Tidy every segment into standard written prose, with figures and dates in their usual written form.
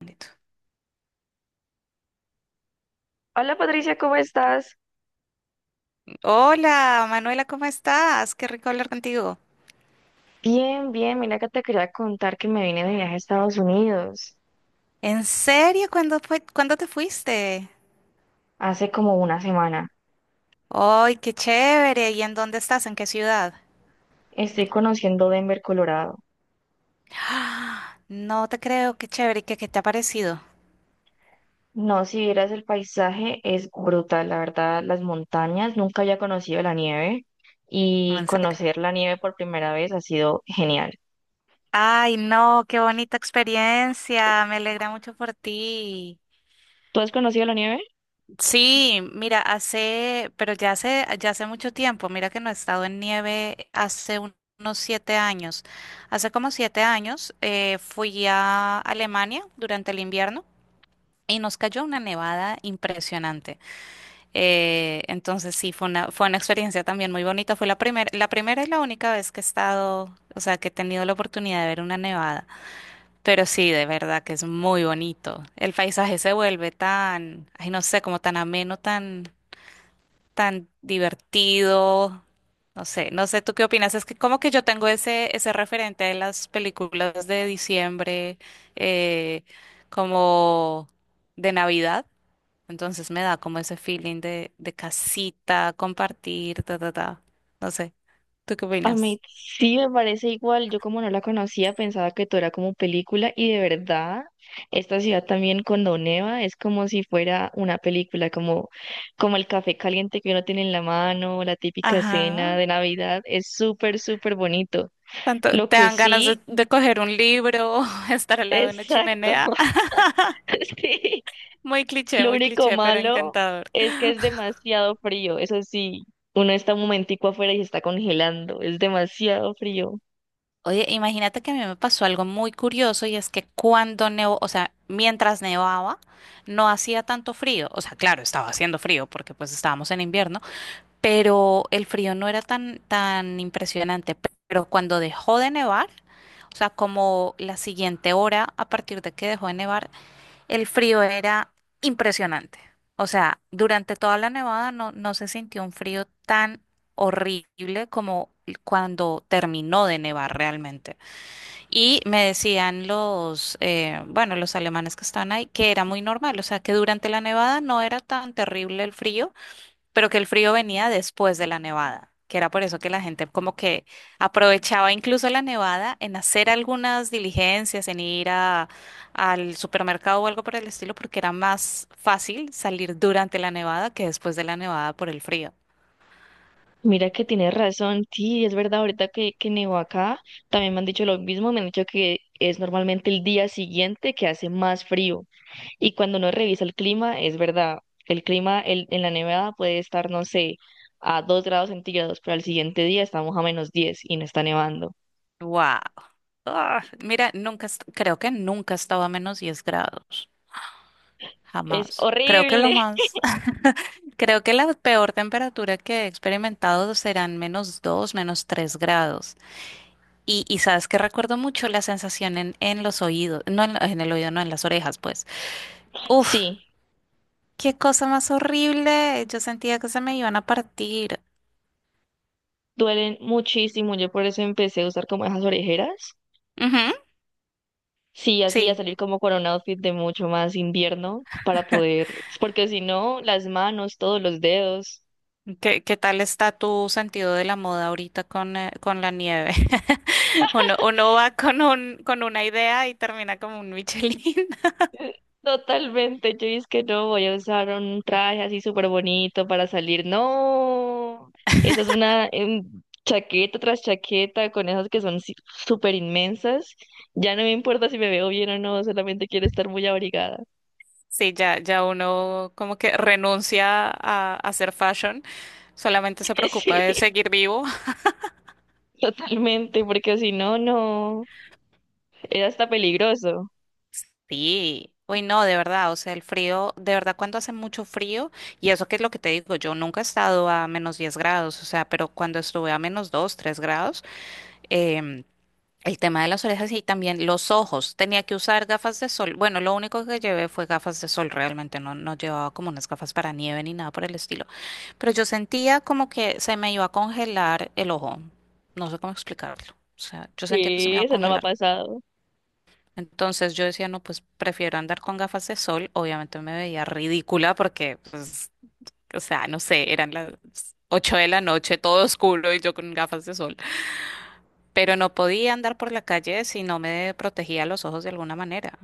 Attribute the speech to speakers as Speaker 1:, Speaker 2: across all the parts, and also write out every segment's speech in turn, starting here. Speaker 1: Listo.
Speaker 2: Hola Patricia, ¿cómo estás?
Speaker 1: Hola, Manuela, ¿cómo estás? Qué rico hablar contigo.
Speaker 2: Bien, bien, mira que te quería contar que me vine de viaje a Estados Unidos
Speaker 1: ¿En serio? ¿Cuándo fue, cuándo te fuiste?
Speaker 2: hace como una semana.
Speaker 1: ¡Ay, qué chévere! ¿Y en dónde estás? ¿En qué ciudad?
Speaker 2: Estoy conociendo Denver, Colorado.
Speaker 1: ¡Ah! No te creo, qué chévere. ¿Qué te ha parecido?
Speaker 2: No, si vieras el paisaje es brutal, la verdad, las montañas, nunca había conocido la nieve y
Speaker 1: ¿En serio?
Speaker 2: conocer la nieve por primera vez ha sido genial.
Speaker 1: Ay, no, qué bonita experiencia. Me alegra mucho por ti.
Speaker 2: ¿Tú has conocido la nieve?
Speaker 1: Sí, mira, hace, pero ya hace mucho tiempo, mira que no he estado en nieve unos siete años. Hace como 7 años fui a Alemania durante el invierno y nos cayó una nevada impresionante. Entonces sí, fue una experiencia también muy bonita. Fue la primera y la única vez que he estado, o sea, que he tenido la oportunidad de ver una nevada. Pero sí, de verdad que es muy bonito. El paisaje se vuelve tan, ay, no sé, como tan ameno, tan divertido. No sé, no sé, ¿tú qué opinas? Es que como que yo tengo ese referente de las películas de diciembre, eh, como de Navidad. Entonces me da como ese feeling de casita, compartir, ta, ta, ta. No sé, ¿tú qué
Speaker 2: A
Speaker 1: opinas?
Speaker 2: mí sí me parece igual, yo como no la conocía pensaba que todo era como película y de verdad esta ciudad también cuando neva es como si fuera una película, como, como el café caliente que uno tiene en la mano, la típica escena
Speaker 1: Ajá.
Speaker 2: de Navidad, es súper, súper bonito.
Speaker 1: Tanto,
Speaker 2: Lo
Speaker 1: te
Speaker 2: que
Speaker 1: dan ganas
Speaker 2: sí,
Speaker 1: de coger un libro, estar al lado de una
Speaker 2: exacto,
Speaker 1: chimenea.
Speaker 2: sí, lo
Speaker 1: Muy
Speaker 2: único
Speaker 1: cliché, pero
Speaker 2: malo
Speaker 1: encantador.
Speaker 2: es que es demasiado frío, eso sí, uno está un momentico afuera y se está congelando, es demasiado frío.
Speaker 1: Oye, imagínate que a mí me pasó algo muy curioso y es que cuando nevó, o sea, mientras nevaba, no hacía tanto frío. O sea, claro, estaba haciendo frío porque pues estábamos en invierno, pero el frío no era tan, tan impresionante. Pero cuando dejó de nevar, o sea, como la siguiente hora a partir de que dejó de nevar, el frío era impresionante. O sea, durante toda la nevada no, no se sintió un frío tan horrible como cuando terminó de nevar realmente. Y me decían los, bueno, los alemanes que estaban ahí, que era muy normal, o sea, que durante la nevada no era tan terrible el frío, pero que el frío venía después de la nevada, que era por eso que la gente como que aprovechaba incluso la nevada en hacer algunas diligencias, al supermercado o algo por el estilo, porque era más fácil salir durante la nevada que después de la nevada por el frío.
Speaker 2: Mira que tienes razón, sí, es verdad, ahorita que nevó acá, también me han dicho lo mismo, me han dicho que es normalmente el día siguiente que hace más frío y cuando uno revisa el clima, es verdad, el clima en la nevada puede estar, no sé, a 2 grados centígrados, pero al siguiente día estamos a -10 y no está nevando.
Speaker 1: ¡Wow! Ah, mira, nunca, creo que nunca estaba a -10 grados.
Speaker 2: Es
Speaker 1: Jamás. Creo que lo
Speaker 2: horrible.
Speaker 1: más, creo que la peor temperatura que he experimentado serán -2, -3 grados. Y sabes que recuerdo mucho la sensación en los oídos, no en el oído, no en las orejas, pues. Uf,
Speaker 2: Sí,
Speaker 1: qué cosa más horrible. Yo sentía que se me iban a partir.
Speaker 2: duelen muchísimo, yo por eso empecé a usar como esas orejeras.
Speaker 1: Ujú,
Speaker 2: Sí, así a
Speaker 1: sí.
Speaker 2: salir como con un outfit de mucho más invierno para poder, porque si no, las manos, todos los dedos,
Speaker 1: ¿Qué tal está tu sentido de la moda ahorita con la nieve? Uno, uno va con un, con una idea y termina como un Michelin.
Speaker 2: totalmente. Yo es que no voy a usar un traje así súper bonito para salir, no, eso es una chaqueta tras chaqueta con esas que son súper inmensas, ya no me importa si me veo bien o no, solamente quiero estar muy abrigada,
Speaker 1: Sí, ya, ya uno como que renuncia a hacer fashion, solamente se preocupa de
Speaker 2: sí,
Speaker 1: seguir vivo.
Speaker 2: totalmente, porque si no, no, es hasta peligroso,
Speaker 1: Sí, uy, no, de verdad, o sea, el frío, de verdad, cuando hace mucho frío, y eso que es lo que te digo, yo nunca he estado a -10 grados, o sea, pero cuando estuve a -2, 3 grados, em, el tema de las orejas y también los ojos. Tenía que usar gafas de sol. Bueno, lo único que llevé fue gafas de sol, realmente no, no llevaba como unas gafas para nieve ni nada por el estilo. Pero yo sentía como que se me iba a congelar el ojo. No sé cómo explicarlo. O sea, yo sentía que se me
Speaker 2: sí,
Speaker 1: iba a
Speaker 2: eso no me ha
Speaker 1: congelar.
Speaker 2: pasado.
Speaker 1: Entonces yo decía, no, pues prefiero andar con gafas de sol. Obviamente me veía ridícula porque, pues, o sea, no sé, eran las 8 de la noche, todo oscuro y yo con gafas de sol, pero no podía andar por la calle si no me protegía los ojos de alguna manera.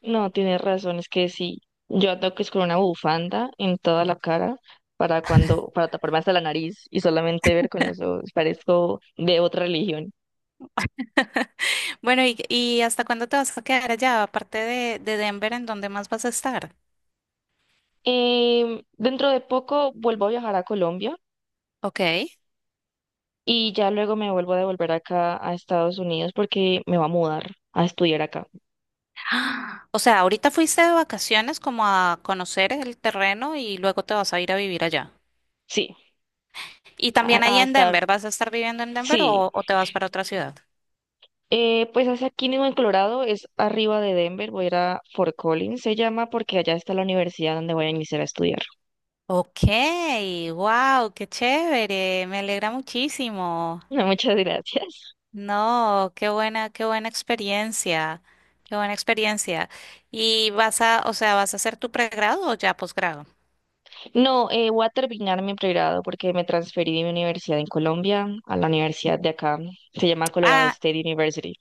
Speaker 2: No, tienes razón, es que sí, yo ando que es con una bufanda en toda la cara para cuando, para taparme hasta la nariz y solamente ver con los ojos, parezco de otra religión.
Speaker 1: Bueno, y hasta cuándo te vas a quedar allá? Aparte de Denver, ¿en dónde más vas a estar?
Speaker 2: Dentro de poco vuelvo a viajar a Colombia
Speaker 1: Ok.
Speaker 2: y ya luego me vuelvo a devolver acá a Estados Unidos porque me va a mudar a estudiar acá.
Speaker 1: Ah, o sea, ahorita fuiste de vacaciones como a conocer el terreno y luego te vas a ir a vivir allá.
Speaker 2: Sí,
Speaker 1: Y
Speaker 2: a,
Speaker 1: también ahí
Speaker 2: a
Speaker 1: en
Speaker 2: estar,
Speaker 1: Denver, ¿vas a estar viviendo en Denver
Speaker 2: sí.
Speaker 1: o te vas para otra ciudad?
Speaker 2: Pues hacia aquí mismo en Colorado, es arriba de Denver, voy a ir a Fort Collins, se llama, porque allá está la universidad donde voy a iniciar a estudiar.
Speaker 1: Ok, wow, qué chévere, me alegra muchísimo.
Speaker 2: No, muchas gracias.
Speaker 1: No, qué buena experiencia, qué buena experiencia. ¿Y vas a, o sea, vas a hacer tu pregrado o ya posgrado?
Speaker 2: No, voy a terminar mi pregrado porque me transferí de mi universidad en Colombia a la universidad de acá. Se llama Colorado
Speaker 1: Ah,
Speaker 2: State University.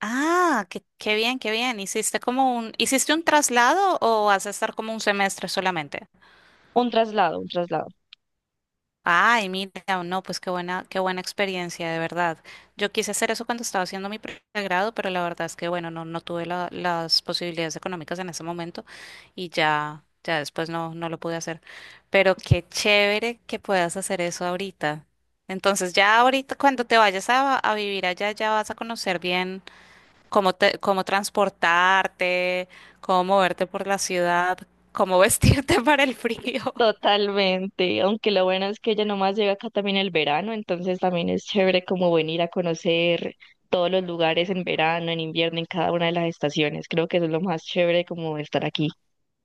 Speaker 1: ah, qué, qué bien, qué bien. ¿Hiciste como un, hiciste un traslado o vas a estar como un semestre solamente?
Speaker 2: Un traslado, un traslado.
Speaker 1: Ay, mira, no, pues qué buena experiencia, de verdad. Yo quise hacer eso cuando estaba haciendo mi pregrado, pero la verdad es que, bueno, no, no tuve las posibilidades económicas en ese momento y ya, ya después no, no lo pude hacer. Pero qué chévere que puedas hacer eso ahorita. Entonces, ya ahorita, cuando te vayas a vivir allá, ya vas a conocer bien cómo te, cómo transportarte, cómo moverte por la ciudad, cómo vestirte para el frío.
Speaker 2: Totalmente. Aunque lo bueno es que ya nomás llega acá también el verano, entonces también es chévere como venir a conocer todos los lugares en verano, en invierno, en cada una de las estaciones. Creo que eso es lo más chévere como estar aquí.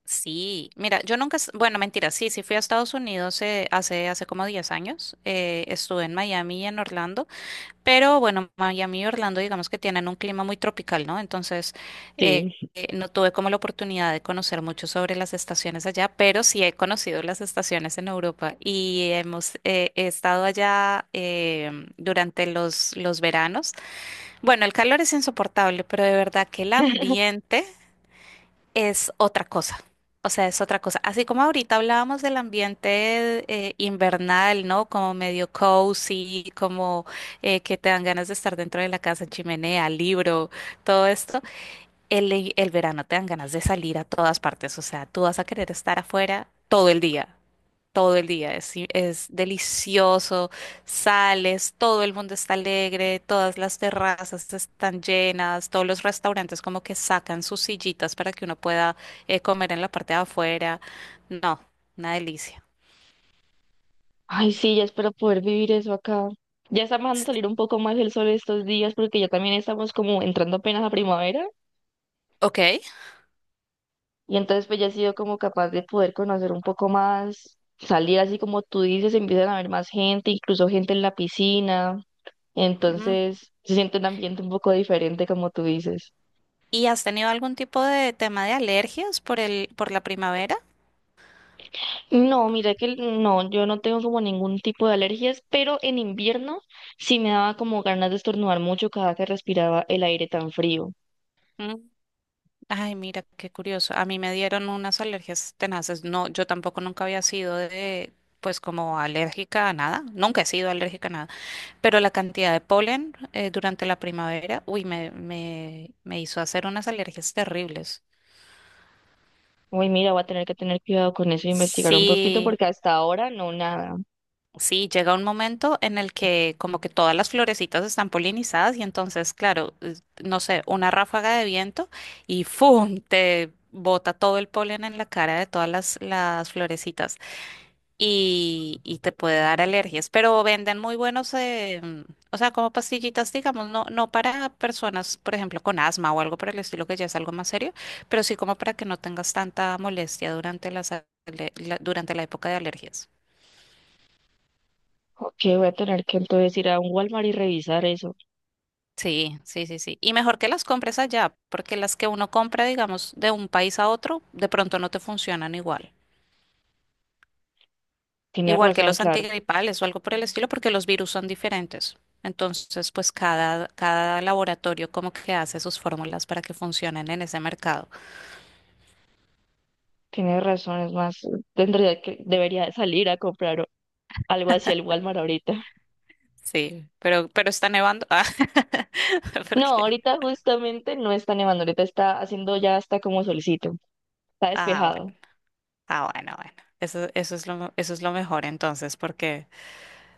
Speaker 1: Sí, mira, yo nunca, bueno, mentira, sí, sí fui a Estados Unidos hace, hace como 10 años, estuve en Miami y en Orlando, pero bueno, Miami y Orlando digamos que tienen un clima muy tropical, ¿no? Entonces, eh,
Speaker 2: Sí.
Speaker 1: no tuve como la oportunidad de conocer mucho sobre las estaciones allá, pero sí he conocido las estaciones en Europa y hemos he estado allá durante los veranos. Bueno, el calor es insoportable, pero de verdad que el ambiente es otra cosa. O sea, es otra cosa. Así como ahorita hablábamos del ambiente invernal, ¿no? Como medio cozy, como que te dan ganas de estar dentro de la casa, chimenea, libro, todo esto. El verano te dan ganas de salir a todas partes. O sea, tú vas a querer estar afuera todo el día todo el día. Es, es delicioso, sales, todo el mundo está alegre, todas las terrazas están llenas, todos los restaurantes como que sacan sus sillitas para que uno pueda comer en la parte de afuera. No, una delicia.
Speaker 2: Ay, sí, ya espero poder vivir eso acá. Ya está empezando a salir un poco más el sol estos días porque ya también estamos como entrando apenas a primavera
Speaker 1: Ok.
Speaker 2: y entonces pues ya he sido como capaz de poder conocer un poco más, salir así como tú dices, empiezan a haber más gente, incluso gente en la piscina,
Speaker 1: Mm.
Speaker 2: entonces se siente un ambiente un poco diferente como tú dices.
Speaker 1: ¿Y has tenido algún tipo de tema de alergias por el, por la primavera?
Speaker 2: No, mira que no, yo no tengo como ningún tipo de alergias, pero en invierno sí me daba como ganas de estornudar mucho cada que respiraba el aire tan frío.
Speaker 1: Mm. Ay, mira, qué curioso. A mí me dieron unas alergias tenaces. No, yo tampoco nunca había sido de, pues como alérgica a nada. Nunca he sido alérgica a nada. Pero la cantidad de polen durante la primavera, uy, me hizo hacer unas alergias terribles.
Speaker 2: Uy, mira, voy a tener que tener cuidado con eso e investigar un poquito
Speaker 1: Sí,
Speaker 2: porque hasta ahora no, nada.
Speaker 1: sí, llega un momento en el que como que todas las florecitas están polinizadas y entonces, claro, no sé, una ráfaga de viento y ¡fum! Te bota todo el polen en la cara de todas las florecitas. Y, y te puede dar alergias. Pero venden muy buenos, o sea, como pastillitas, digamos, no, no para personas, por ejemplo, con asma o algo por el estilo, que ya es algo más serio, pero sí como para que no tengas tanta molestia durante durante la época de alergias.
Speaker 2: Ok, voy a tener que entonces ir a un Walmart y revisar eso.
Speaker 1: Sí, sí, sí, sí. Y mejor que las compres allá, porque las que uno compra, digamos, de un país a otro, de pronto no te funcionan igual.
Speaker 2: Tienes
Speaker 1: Igual que
Speaker 2: razón,
Speaker 1: los
Speaker 2: claro.
Speaker 1: antigripales o algo por el estilo, porque los virus son diferentes. Entonces, pues cada, cada laboratorio como que hace sus fórmulas para que funcionen en ese mercado.
Speaker 2: Tienes razón, es más, tendría que, debería salir a comprar algo hacia el Walmart ahorita.
Speaker 1: Sí, pero está nevando. Ah,
Speaker 2: No,
Speaker 1: porque.
Speaker 2: ahorita justamente no está nevando, ahorita está haciendo ya hasta como solicito. Está
Speaker 1: Ah,
Speaker 2: despejado.
Speaker 1: bueno, ah, bueno, bueno. Eso, eso es lo mejor entonces, porque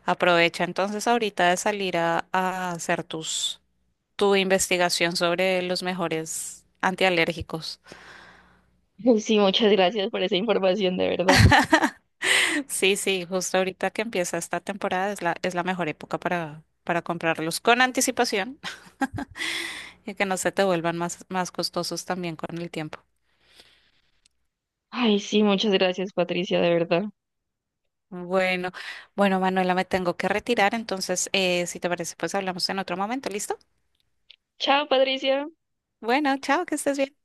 Speaker 1: aprovecha entonces ahorita de salir a hacer tus, tu investigación sobre los mejores antialérgicos.
Speaker 2: Sí, muchas gracias por esa información, de verdad.
Speaker 1: Sí, sí, justo ahorita que empieza esta temporada es la mejor época para comprarlos con anticipación y que no se te vuelvan más, más costosos también con el tiempo.
Speaker 2: Ay, sí, muchas gracias, Patricia, de verdad.
Speaker 1: Bueno, bueno, Manuela, me tengo que retirar, entonces, si te parece, pues hablamos en otro momento, ¿listo?
Speaker 2: Chao, Patricia.
Speaker 1: Bueno, chao, que estés bien.